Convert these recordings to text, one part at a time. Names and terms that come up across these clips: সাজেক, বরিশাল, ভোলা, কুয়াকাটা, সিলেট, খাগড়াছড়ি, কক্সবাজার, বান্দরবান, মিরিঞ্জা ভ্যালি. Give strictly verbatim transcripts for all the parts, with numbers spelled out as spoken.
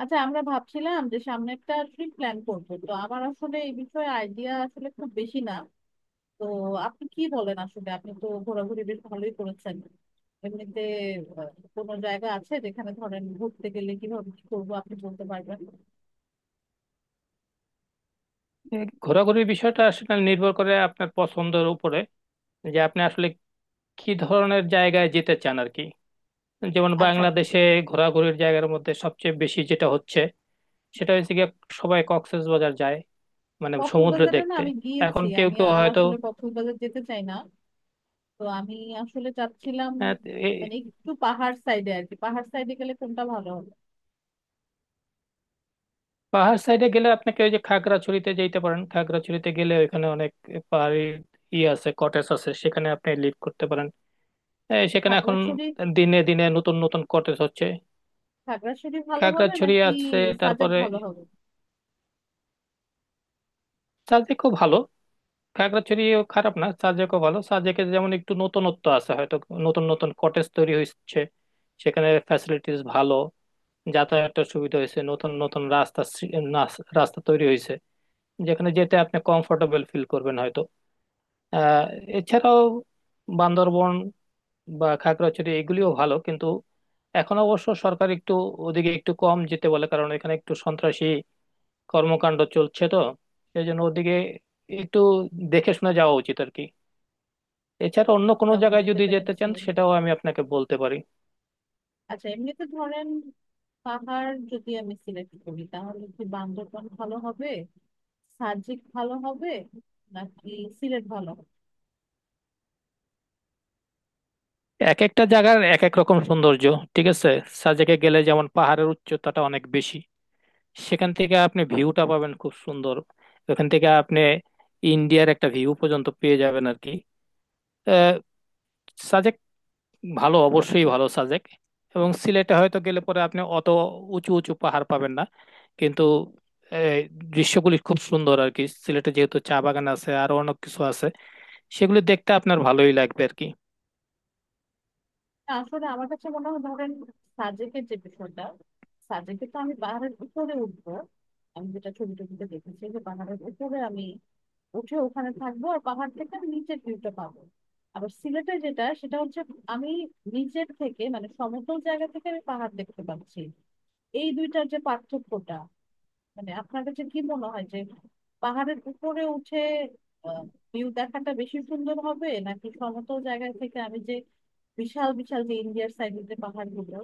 আচ্ছা, আমরা ভাবছিলাম যে সামনে একটা ট্রিপ প্ল্যান করবো। তো আমার আসলে এই বিষয়ে আইডিয়া আসলে খুব বেশি না। তো আপনি কি বলেন, আসলে আপনি তো ঘোরাঘুরি বেশ ভালোই করেছেন এমনিতে। আহ, কোনো জায়গা আছে যেখানে ধরেন ঘুরতে গেলে কিভাবে কি করবো আপনি বলতে পারবেন? এই ঘোরাঘুরির বিষয়টা আসলে নির্ভর করে আপনার পছন্দের উপরে যে আপনি আসলে কি ধরনের জায়গায় যেতে চান আর কি। যেমন আচ্ছা, বাংলাদেশে ঘোরাঘুরির জায়গার মধ্যে সবচেয়ে বেশি যেটা হচ্ছে সেটা হচ্ছে গিয়ে সবাই কক্সবাজার যায়, মানে সমুদ্র কক্সবাজারে না দেখতে। আমি গিয়েছি, এখন কেউ আমি কেউ আর হয়তো আসলে কক্সবাজার যেতে চাই না। তো আমি আসলে চাচ্ছিলাম আহ, এই মানে একটু পাহাড় সাইডে আর কি। পাহাড় সাইডে গেলে কোনটা ভালো হবে? পাহাড় সাইডে গেলে আপনাকে ওই যে খাগড়াছড়িতে যেতে পারেন। খাগড়াছড়িতে গেলে ওইখানে অনেক পাহাড়ি ই আছে, কটেজ আছে, সেখানে আপনি লিড করতে পারেন। এই সেখানে এখন খাগড়াছড়ি? দিনে দিনে নতুন নতুন কটেজ হচ্ছে। খাগড়াছড়ি ভালো হবে খাগড়াছড়ি নাকি আছে, সাজেক তারপরে ভালো হবে? সাজেক খুব ভালো। খাগড়াছড়িও খারাপ না, সাজেকও ভালো। সাজেকে যেমন একটু নতুনত্ব আছে, হয়তো নতুন নতুন কটেজ তৈরি হচ্ছে, সেখানে ফ্যাসিলিটিস ভালো, যাতায়াতের সুবিধা হয়েছে, নতুন নতুন রাস্তা সৃ- নাস- রাস্তা তৈরি হয়েছে যেখানে যেতে আপনি কমফোর্টেবল ফিল করবেন হয়তো। আহ এছাড়াও বান্দরবন বা খাগড়াছড়ি এগুলিও ভালো, কিন্তু এখন অবশ্য সরকার একটু ওদিকে একটু কম যেতে বলে, কারণ এখানে একটু সন্ত্রাসী কর্মকাণ্ড চলছে, তো সেই জন্য ওদিকে একটু দেখে শুনে যাওয়া উচিত আর কি। এছাড়া অন্য কোনো হ্যাঁ, জায়গায় বুঝতে যদি যেতে পেরেছি। চান সেটাও আমি আপনাকে বলতে পারি। আচ্ছা, এমনিতে ধরেন পাহাড় যদি আমি সিলেক্ট করি তাহলে কি বান্দরবান ভালো হবে, সাজেক ভালো হবে, নাকি সিলেট ভালো হবে? এক একটা জায়গার এক এক রকম সৌন্দর্য, ঠিক আছে। সাজেকে গেলে যেমন পাহাড়ের উচ্চতাটা অনেক বেশি, সেখান থেকে আপনি ভিউটা পাবেন খুব সুন্দর। ওখান থেকে আপনি ইন্ডিয়ার একটা ভিউ পর্যন্ত পেয়ে যাবেন আর কি। ভালো, অবশ্যই ভালো সাজেক। এবং সিলেটে হয়তো গেলে পরে আপনি অত উঁচু উঁচু পাহাড় পাবেন না, কিন্তু এই, দৃশ্যগুলি খুব সুন্দর আর কি। সিলেটে যেহেতু চা বাগান আছে, আরো অনেক কিছু আছে, সেগুলি দেখতে আপনার ভালোই লাগবে আর কি। না, আসলে আমার কাছে মনে হয় ধরেন, সাজেকের যে বিষয়টা, সাজেকে তো আমি পাহাড়ের উপরে উঠবো। আমি যেটা ছবি টবিতে দেখেছি যে পাহাড়ের উপরে আমি উঠে ওখানে থাকবো আর পাহাড় থেকে আমি নিচের ভিউটা পাবো। আবার সিলেটে যেটা, সেটা হচ্ছে আমি নিচের থেকে মানে সমতল জায়গা থেকে আমি পাহাড় দেখতে পাচ্ছি। এই দুইটার যে পার্থক্যটা, মানে আপনার কাছে কি মনে হয় যে পাহাড়ের উপরে উঠে ভিউ দেখাটা বেশি সুন্দর হবে, নাকি সমতল জায়গা থেকে আমি যে বিশাল বিশাল যে ইন্ডিয়ার সাইডের যে পাহাড়গুলো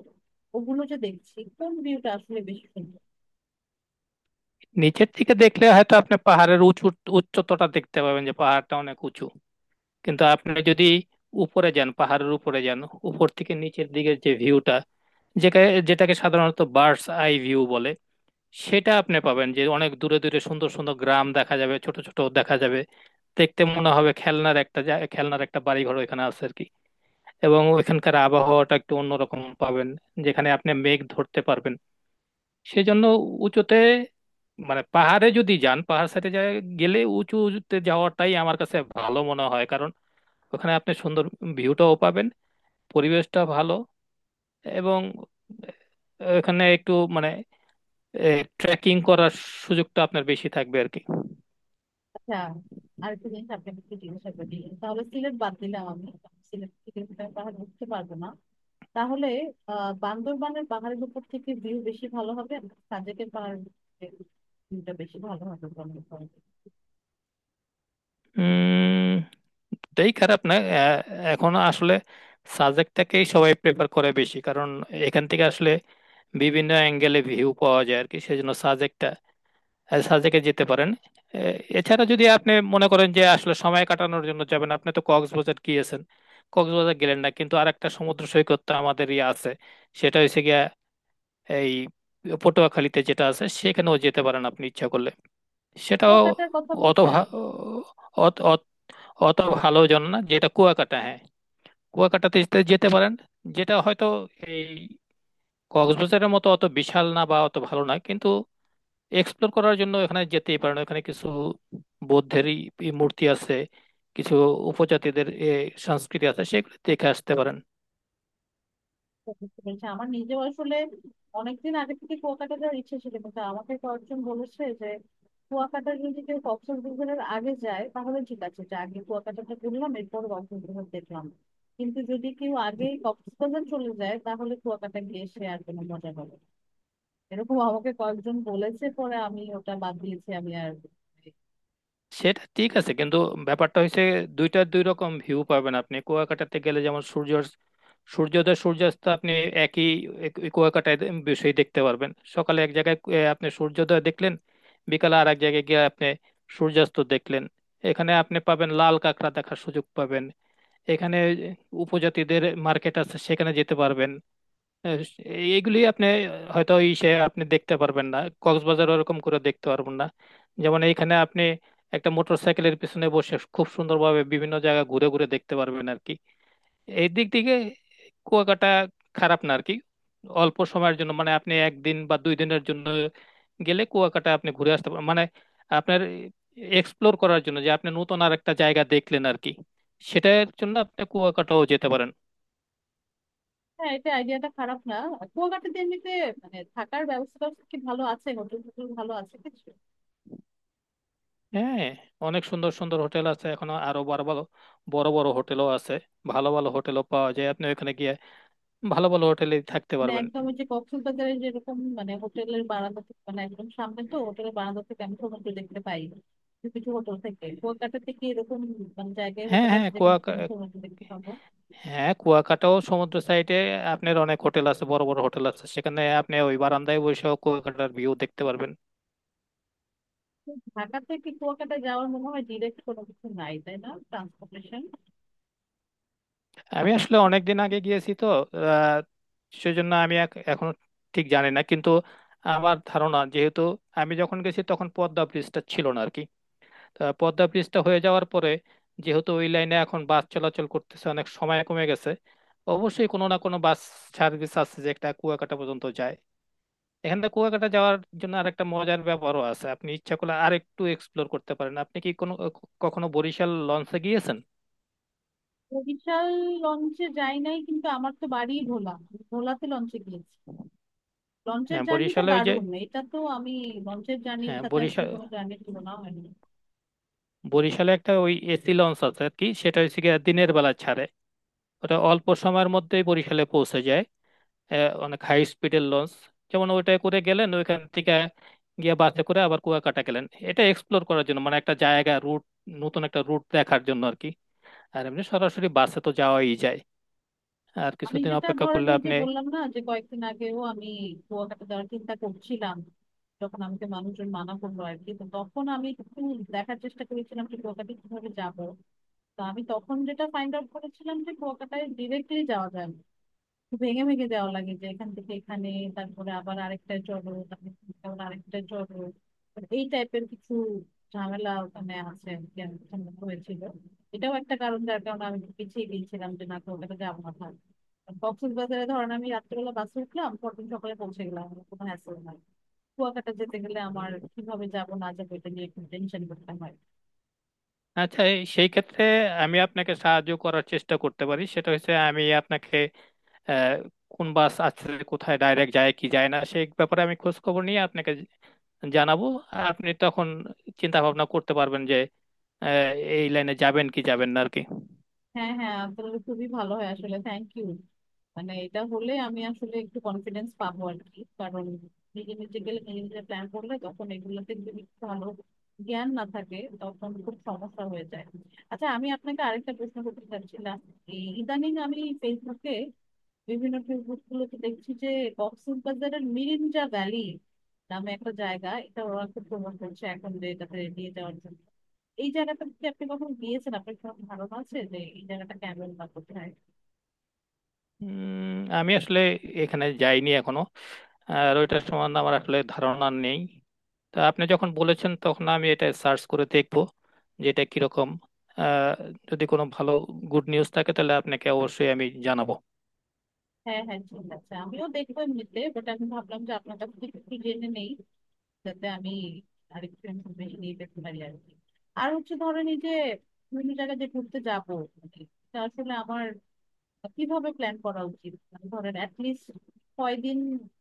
ওগুলো যে দেখছি, কোন ভিউটা আসলে বেশি সুন্দর? নিচের দিকে দেখলে হয়তো আপনি পাহাড়ের উঁচু উচ্চতাটা দেখতে পাবেন যে পাহাড়টা অনেক উঁচু, কিন্তু আপনি যদি উপরে যান, পাহাড়ের উপরে যান, উপর থেকে নিচের দিকের যে ভিউটা, যেটাকে যেটাকে সাধারণত বার্ডস আই ভিউ বলে, সেটা আপনি পাবেন। যে অনেক দূরে দূরে সুন্দর সুন্দর গ্রাম দেখা যাবে, ছোট ছোট দেখা যাবে, দেখতে মনে হবে খেলনার একটা জা- খেলনার একটা বাড়ি ঘর ওইখানে আছে আর কি। এবং ওইখানকার আবহাওয়াটা একটু অন্যরকম পাবেন, যেখানে আপনি মেঘ ধরতে পারবেন। সেজন্য উঁচুতে, মানে পাহাড়ে যদি যান, পাহাড় সাইডে গেলে উঁচুতে যাওয়াটাই আমার কাছে ভালো মনে হয়, কারণ ওখানে আপনি সুন্দর ভিউটাও পাবেন, পরিবেশটা ভালো, এবং এখানে একটু মানে ট্রেকিং করার সুযোগটা আপনার বেশি থাকবে আর কি। আচ্ছা, আরেকটা জিনিস আপনাকে একটু জিজ্ঞাসা করি। তাহলে সিলেট বাদ দিলাম আমি, সিলেট থেকে কোথায় পাহাড় উঠতে পারবো না। তাহলে আহ বান্দরবানের পাহাড়ের উপর থেকে ভিউ বেশি ভালো হবে, সাজেকের পাহাড়ের ভিউটা বেশি ভালো হবে বলে মনে করেন? উম এটাই খারাপ না। এ- এখন আসলে সাবজেক্টটাকেই সবাই প্রেফার করে বেশি, কারণ এখান থেকে আসলে বিভিন্ন অ্যাঙ্গেলে ভিউ পাওয়া যায় আর কি। সেজন্য সাবজেক্টটা সাবজেক্টে যেতে পারেন। এ, এছাড়া যদি আপনি মনে করেন যে আসলে সময় কাটানোর জন্য যাবেন, আপনি তো কক্সবাজার গিয়েছেন, কক্সবাজার গেলেন, না কিন্তু আরেকটা সমুদ্র সৈকত তো আমাদের ইয়ে আছে, সেটা হচ্ছে গিয়া এই পটুয়াখালীতে যেটা আছে, সেখানেও যেতে পারেন আপনি ইচ্ছা করলে। সেটাও কুয়াকাটার কথা অত বলছেন? ভা- অত অত ভালো জন না, যেটা কুয়াকাটা, হ্যাঁ। কুয়াকাটাতে যেতে যেতে পারেন, যেটা হয়তো এই কক্সবাজারের মতো অত বিশাল না বা অত ভালো না, কিন্তু এক্সপ্লোর করার জন্য এখানে যেতেই পারেন। এখানে কিছু বৌদ্ধেরই ই মূর্তি আছে, কিছু উপজাতিদের এ, সংস্কৃতি আছে, সেগুলো দেখে আসতে পারেন। তো বুঝতে পেরেছি। আমার নিজেও আসলে অনেকদিন আগে থেকে কুয়াকাটা যাওয়ার ইচ্ছে ছিল, কিন্তু আমাকে কয়েকজন বলেছে যে কুয়াকাটা যদি কেউ কক্সবাজারের আগে যায় তাহলে ঠিক আছে, যে আগে কুয়াকাটাটা ঘুরলাম এরপর কক্সবাজার দেখলাম। কিন্তু যদি কেউ আগে কক্সবাজার চলে যায় তাহলে কুয়াকাটা গিয়ে সে আর কোনো মজা পাবে না। এরকম আমাকে কয়েকজন বলেছে, পরে আমি ওটা বাদ দিয়েছি আমি আর। সেটা ঠিক আছে, কিন্তু ব্যাপারটা হচ্ছে দুইটার দুই রকম ভিউ পাবেন আপনি। কুয়াকাটাতে গেলে যেমন সূর্য সূর্যোদয় সূর্যাস্ত আপনি একই এক- ওই কুয়াকাটায় দে- বিষয় দেখতে পারবেন। সকালে এক জায়গায় এ, আপনি সূর্যোদয় দেখলেন, বিকালে আর এক জায়গায় গিয়ে আপনি সূর্যাস্ত দেখলেন। এখানে আপনি পাবেন, লাল কাঁকড়া দেখার সুযোগ পাবেন। এখানে উপজাতিদের মার্কেট আছে, সেখানে যেতে পারবেন। আহ, এইগুলি আপনি হয়তো ইসে আপনি দেখতে পারবেন না, কক্সবাজার ওরকম করে দেখতে পারবেন না। যেমন এইখানে আপনি একটা মোটর সাইকেলের পিছনে বসে খুব সুন্দরভাবে বিভিন্ন জায়গা ঘুরে ঘুরে দেখতে পারবেন আর কি। এই দিক থেকে কুয়াকাটা খারাপ না আর কি। অল্প সময়ের জন্য মানে আপনি একদিন বা দুই দিনের জন্য গেলে কুয়াকাটা আপনি ঘুরে আসতে পারবেন, মানে আপনার এক্সপ্লোর করার জন্য যে আপনি নতুন আর একটা জায়গা দেখলেন আর কি, সেটার জন্য আপনি কুয়াকাটাও যেতে পারেন। হ্যাঁ, এটা আইডিয়াটা খারাপ না। কুয়াকাটাতে এমনিতে মানে থাকার ব্যবস্থা কি ভালো আছে, হোটেল টোটেল ভালো আছে কিছু? হ্যাঁ, অনেক সুন্দর সুন্দর হোটেল আছে এখন, আরো বড় ভালো বড় বড় হোটেলও আছে, ভালো ভালো হোটেলও পাওয়া যায়। আপনি ওখানে গিয়ে ভালো ভালো হোটেলে থাকতে মানে পারবেন। একদম ওই যে কক্সবাজারে যেরকম, মানে হোটেলের বারান্দা থেকে, মানে একদম সামনে তো হোটেলের বারান্দা থেকে আমি সমুদ্র দেখতে পাই, কিছু কিছু হোটেল থেকে। কুয়াকাটাতে কি এরকম মানে জায়গায় হ্যাঁ হোটেল হ্যাঁ আছে যেখান থেকে কুয়াকা আমি সমুদ্র দেখতে পাবো? হ্যাঁ, কুয়াকাটাও সমুদ্র সাইডে আপনার অনেক হোটেল আছে, বড় বড় হোটেল আছে, সেখানে আপনি ওই বারান্দায় বসেও কুয়াকাটার ভিউ দেখতে পারবেন। ঢাকা থেকে কুয়াকাটা যাওয়ার মনে হয় ডিরেক্ট কোনো কিছু নাই, তাই না, ট্রান্সপোর্টেশন? আমি আসলে অনেক দিন আগে গিয়েছি তো, আহ সেজন্য আমি এখ- এখনো ঠিক জানি না, কিন্তু আমার ধারণা, যেহেতু আমি যখন গেছি তখন পদ্মা ব্রিজটা ছিল না আর কি, তা পদ্মা ব্রিজটা হয়ে যাওয়ার পরে যেহেতু ওই লাইনে এখন বাস চলাচল করতেছে, অনেক সময় কমে গেছে, অবশ্যই কোনো না কোনো বাস সার্ভিস আছে যে একটা কুয়াকাটা পর্যন্ত যায়। এখান থেকে কুয়াকাটা যাওয়ার জন্য আরেকটা মজার ব্যাপারও আছে, আপনি ইচ্ছা করলে আরেকটু এক্সপ্লোর করতে পারেন। আপনি কি কোনো কখনো বরিশাল লঞ্চে গিয়েছেন? বরিশাল লঞ্চে যাই নাই, কিন্তু আমার তো বাড়ি ভোলা, আমি ভোলাতে লঞ্চে গিয়েছি। লঞ্চের হ্যাঁ জার্নিটা বরিশালে ওই যে দারুণ, এটা তো আমি, লঞ্চের জার্নির হ্যাঁ সাথে আসলে বরিশাল কোনো জার্নির তুলনা হয় না। বরিশালে একটা ওই এসি লঞ্চ আছে আর কি, সেটা হচ্ছে গিয়ে দিনের বেলা ছাড়ে, ওটা অল্প সময়ের মধ্যেই বরিশালে পৌঁছে যায়। আহ, অনেক হাই স্পিডের লঞ্চ। যেমন ওইটা করে গেলেন, ওইখান থেকে গিয়ে বাসে করে আবার কুয়াকাটা গেলেন, এটা এক্সপ্লোর করার জন্য, মানে একটা জায়গা রুট, নতুন একটা রুট দেখার জন্য আর কি। আর এমনি সরাসরি বাসে তো যাওয়াই যায়। আর আমি কিছুদিন যেটা অপেক্ষা ধরেন, করলে ওই যে আপনি বললাম না যে কয়েকদিন আগেও আমি কুয়াকাটা যাওয়ার চিন্তা করছিলাম, যখন আমাকে মানুষজন মানা করলো আর কি, তো তখন আমি একটু দেখার চেষ্টা করেছিলাম যে কুয়াকাটা কিভাবে যাবো। তা আমি তখন যেটা ফাইন্ড আউট করেছিলাম যে কুয়াকাটায় ডিরেক্টলি যাওয়া যায় না, ভেঙে ভেঙে দেওয়া লাগে যে এখান থেকে এখানে, তারপরে আবার আরেকটা চলো, তারপরে এখান থেকে আবার আরেকটা চলো। তো এই টাইপের কিছু ঝামেলা ওখানে আছে আর কি, আমার সঙ্গে হয়েছিল। এটাও একটা কারণ যার কারণে আমি একটু পিছিয়ে গিয়েছিলাম যে না, তো ওটাতে যাবো না, থাক। কক্সবাজারে ধরেন আমি রাত্রেবেলা বাসে উঠলাম, পরদিন সকালে পৌঁছে গেলাম, আমার কোনো হ্যাসেল নাই। কুয়াকাটা যেতে গেলে আমার উম, কিভাবে যাবো না যাবো, এটা নিয়ে একটু টেনশন করতে হয়। আচ্ছা এই- সেই ক্ষেত্রে আমি আপনাকে সাহায্য করার চেষ্টা করতে পারি। সেটা হচ্ছে আমি আপনাকে আহ, কোন বাস আছে, কোথায় ডাইরেক্ট যায় কি যায় না, সেই ব্যাপারে আমি খোঁজ খবর নিয়ে আপনাকে জানাবো। আর আপনি তখন চিন্তা ভাবনা করতে পারবেন যে আহ, এই লাইনে যাবেন কি যাবেন না আর কি। হ্যাঁ হ্যাঁ, তাহলে খুবই ভালো হয় আসলে, থ্যাংক ইউ। মানে এটা হলে আমি আসলে একটু কনফিডেন্স পাবো আর কি, কারণ নিজে নিজে গেলে, নিজে নিজে প্ল্যান করলে তখন এগুলোতে যদি একটু ভালো জ্ঞান না থাকে তখন খুব সমস্যা হয়ে যায়। আচ্ছা, আমি আপনাকে আরেকটা প্রশ্ন করতে চাচ্ছিলাম। এই ইদানিং আমি ফেসবুকে, বিভিন্ন ফেসবুক গুলোতে দেখছি যে কক্সবাজারের মিরিঞ্জা ভ্যালি নামে একটা জায়গা, এটা ওরা খুব প্রমোট করছে এখন, যে এটাতে নিয়ে যাওয়ার জন্য। এই জায়গাটা কি আপনি কখনো গিয়েছেন? আপনার কোনো ধারণা আছে যে এই জায়গাটা কেমন বা কোথায়? উম, আমি আসলে এখানে যাইনি এখনো, আর ওইটার সম্বন্ধে আমার আসলে ধারণা নেই। তা আপনি যখন বলেছেন তখন আমি এটা সার্চ করে দেখবো যে এটা কিরকম। আহ, যদি কোনো ভালো গুড নিউজ থাকে তাহলে আপনাকে অবশ্যই আমি জানাবো। হ্যাঁ হ্যাঁ, ঠিক আছে, আমিও দেখবো এমনিতে, বাট আমি ভাবলাম যে আপনার কাছ থেকে একটু জেনে নেই, যাতে আমি আরেকটু ইনফরমেশন নিয়ে পেতে পারি আর কি। আর হচ্ছে ধরেন, এই যে বিভিন্ন জায়গায় যে ঘুরতে যাবো, মানে এটা আসলে আমার কিভাবে প্ল্যান করা উচিত, মানে ধরেন অ্যাটলিস্ট কয়দিন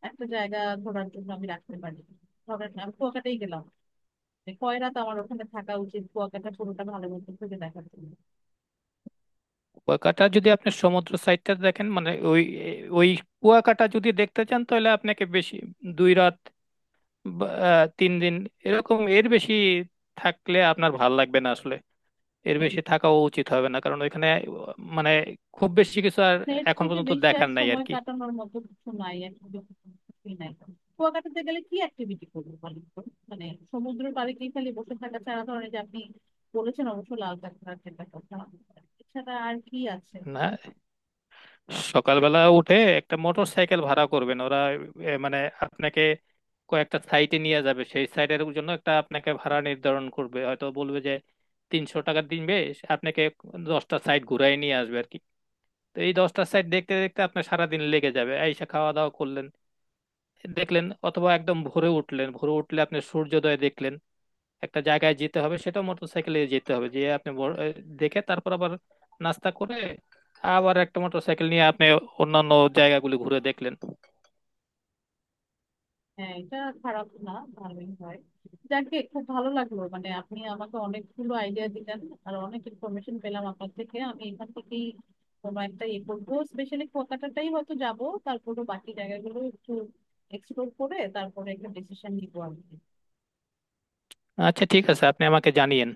একটা জায়গা ঘোরার জন্য আমি রাখতে পারি? ধরেন আমি কুয়াকাটাই গেলাম, যে কয় রাত আমার ওখানে থাকা উচিত কুয়াকাটা পুরোটা ভালো মতো ঘুরে দেখার জন্য? কুয়াকাটা যদি আপনি সমুদ্র সাইডটা দেখেন, মানে ওই ওই কুয়াকাটা যদি দেখতে চান, তাহলে আপনাকে বেশি দুই রাত বা, আহ, তিন দিন, এরকম, এর বেশি থাকলে আপনার ভাল লাগবে না আসলে। এর বেশি থাকাও উচিত হবে না, কারণ ওইখানে মানে খুব বেশি কিছু আর এর এখন থেকে পর্যন্ত বেশি আর দেখার নাই আর সময় কি। কাটানোর মতো কিছু নাই activity? কিছুই নাই? কুয়াকাটাতে গেলে কি অ্যাক্টিভিটি করবো বলেন তো? মানে সমুদ্রের পাড়ে কি খালি বসে থাকা ছাড়া, ধরেন এই যে আপনি বলেছেন অবশ্য লাল কাঁকড়া খেতে কথা, এছাড়া আর কি আছে? না, সকালবেলা উঠে একটা মোটর সাইকেল ভাড়া করবেন, ওরা এ, মানে আপনাকে কয়েকটা সাইটে নিয়ে যাবে, সেই সাইটের জন্য একটা আপনাকে ভাড়া নির্ধারণ করবে, হয়তো বলবে যে তিনশো টাকা দিনবে, আপনাকে দশটা সাইট ঘুরাই নিয়ে আসবে আর কি। তো এই দশটা সাইট দেখতে দেখতে আপনার সারাদিন লেগে যাবে। আইসা খাওয়া দাওয়া করলেন, দেখলেন, অথবা একদম ভোরে উঠলেন, ভোরে উঠলে আপনি সূর্যোদয় দেখলেন, একটা জায়গায় যেতে হবে, সেটাও মোটরসাইকেলে যেতে হবে যে আপনি বড়- এ, দেখে, তারপর আবার নাস্তা করে আবার একটা মোটরসাইকেল নিয়ে আপনি অন্যান্য জায়গাগুলি ঘুরে দেখলেন। হ্যাঁ, এটা খারাপ না, ভালোই হয়। যাকে খুব ভালো লাগলো, মানে আপনি আমাকে অনেকগুলো আইডিয়া দিলেন আর অনেক ইনফরমেশন পেলাম আপনার থেকে। আমি এখান থেকেই কোনো একটা ইয়ে করবো, স্পেশালি কুয়াকাটাটাই হয়তো যাব। তারপরে বাকি জায়গাগুলো একটু এক্সপ্লোর করে তারপরে একটা ডিসিশন নিবো আমি। আচ্ছা, ঠিক আছে, আপনি আমাকে জানিয়েন।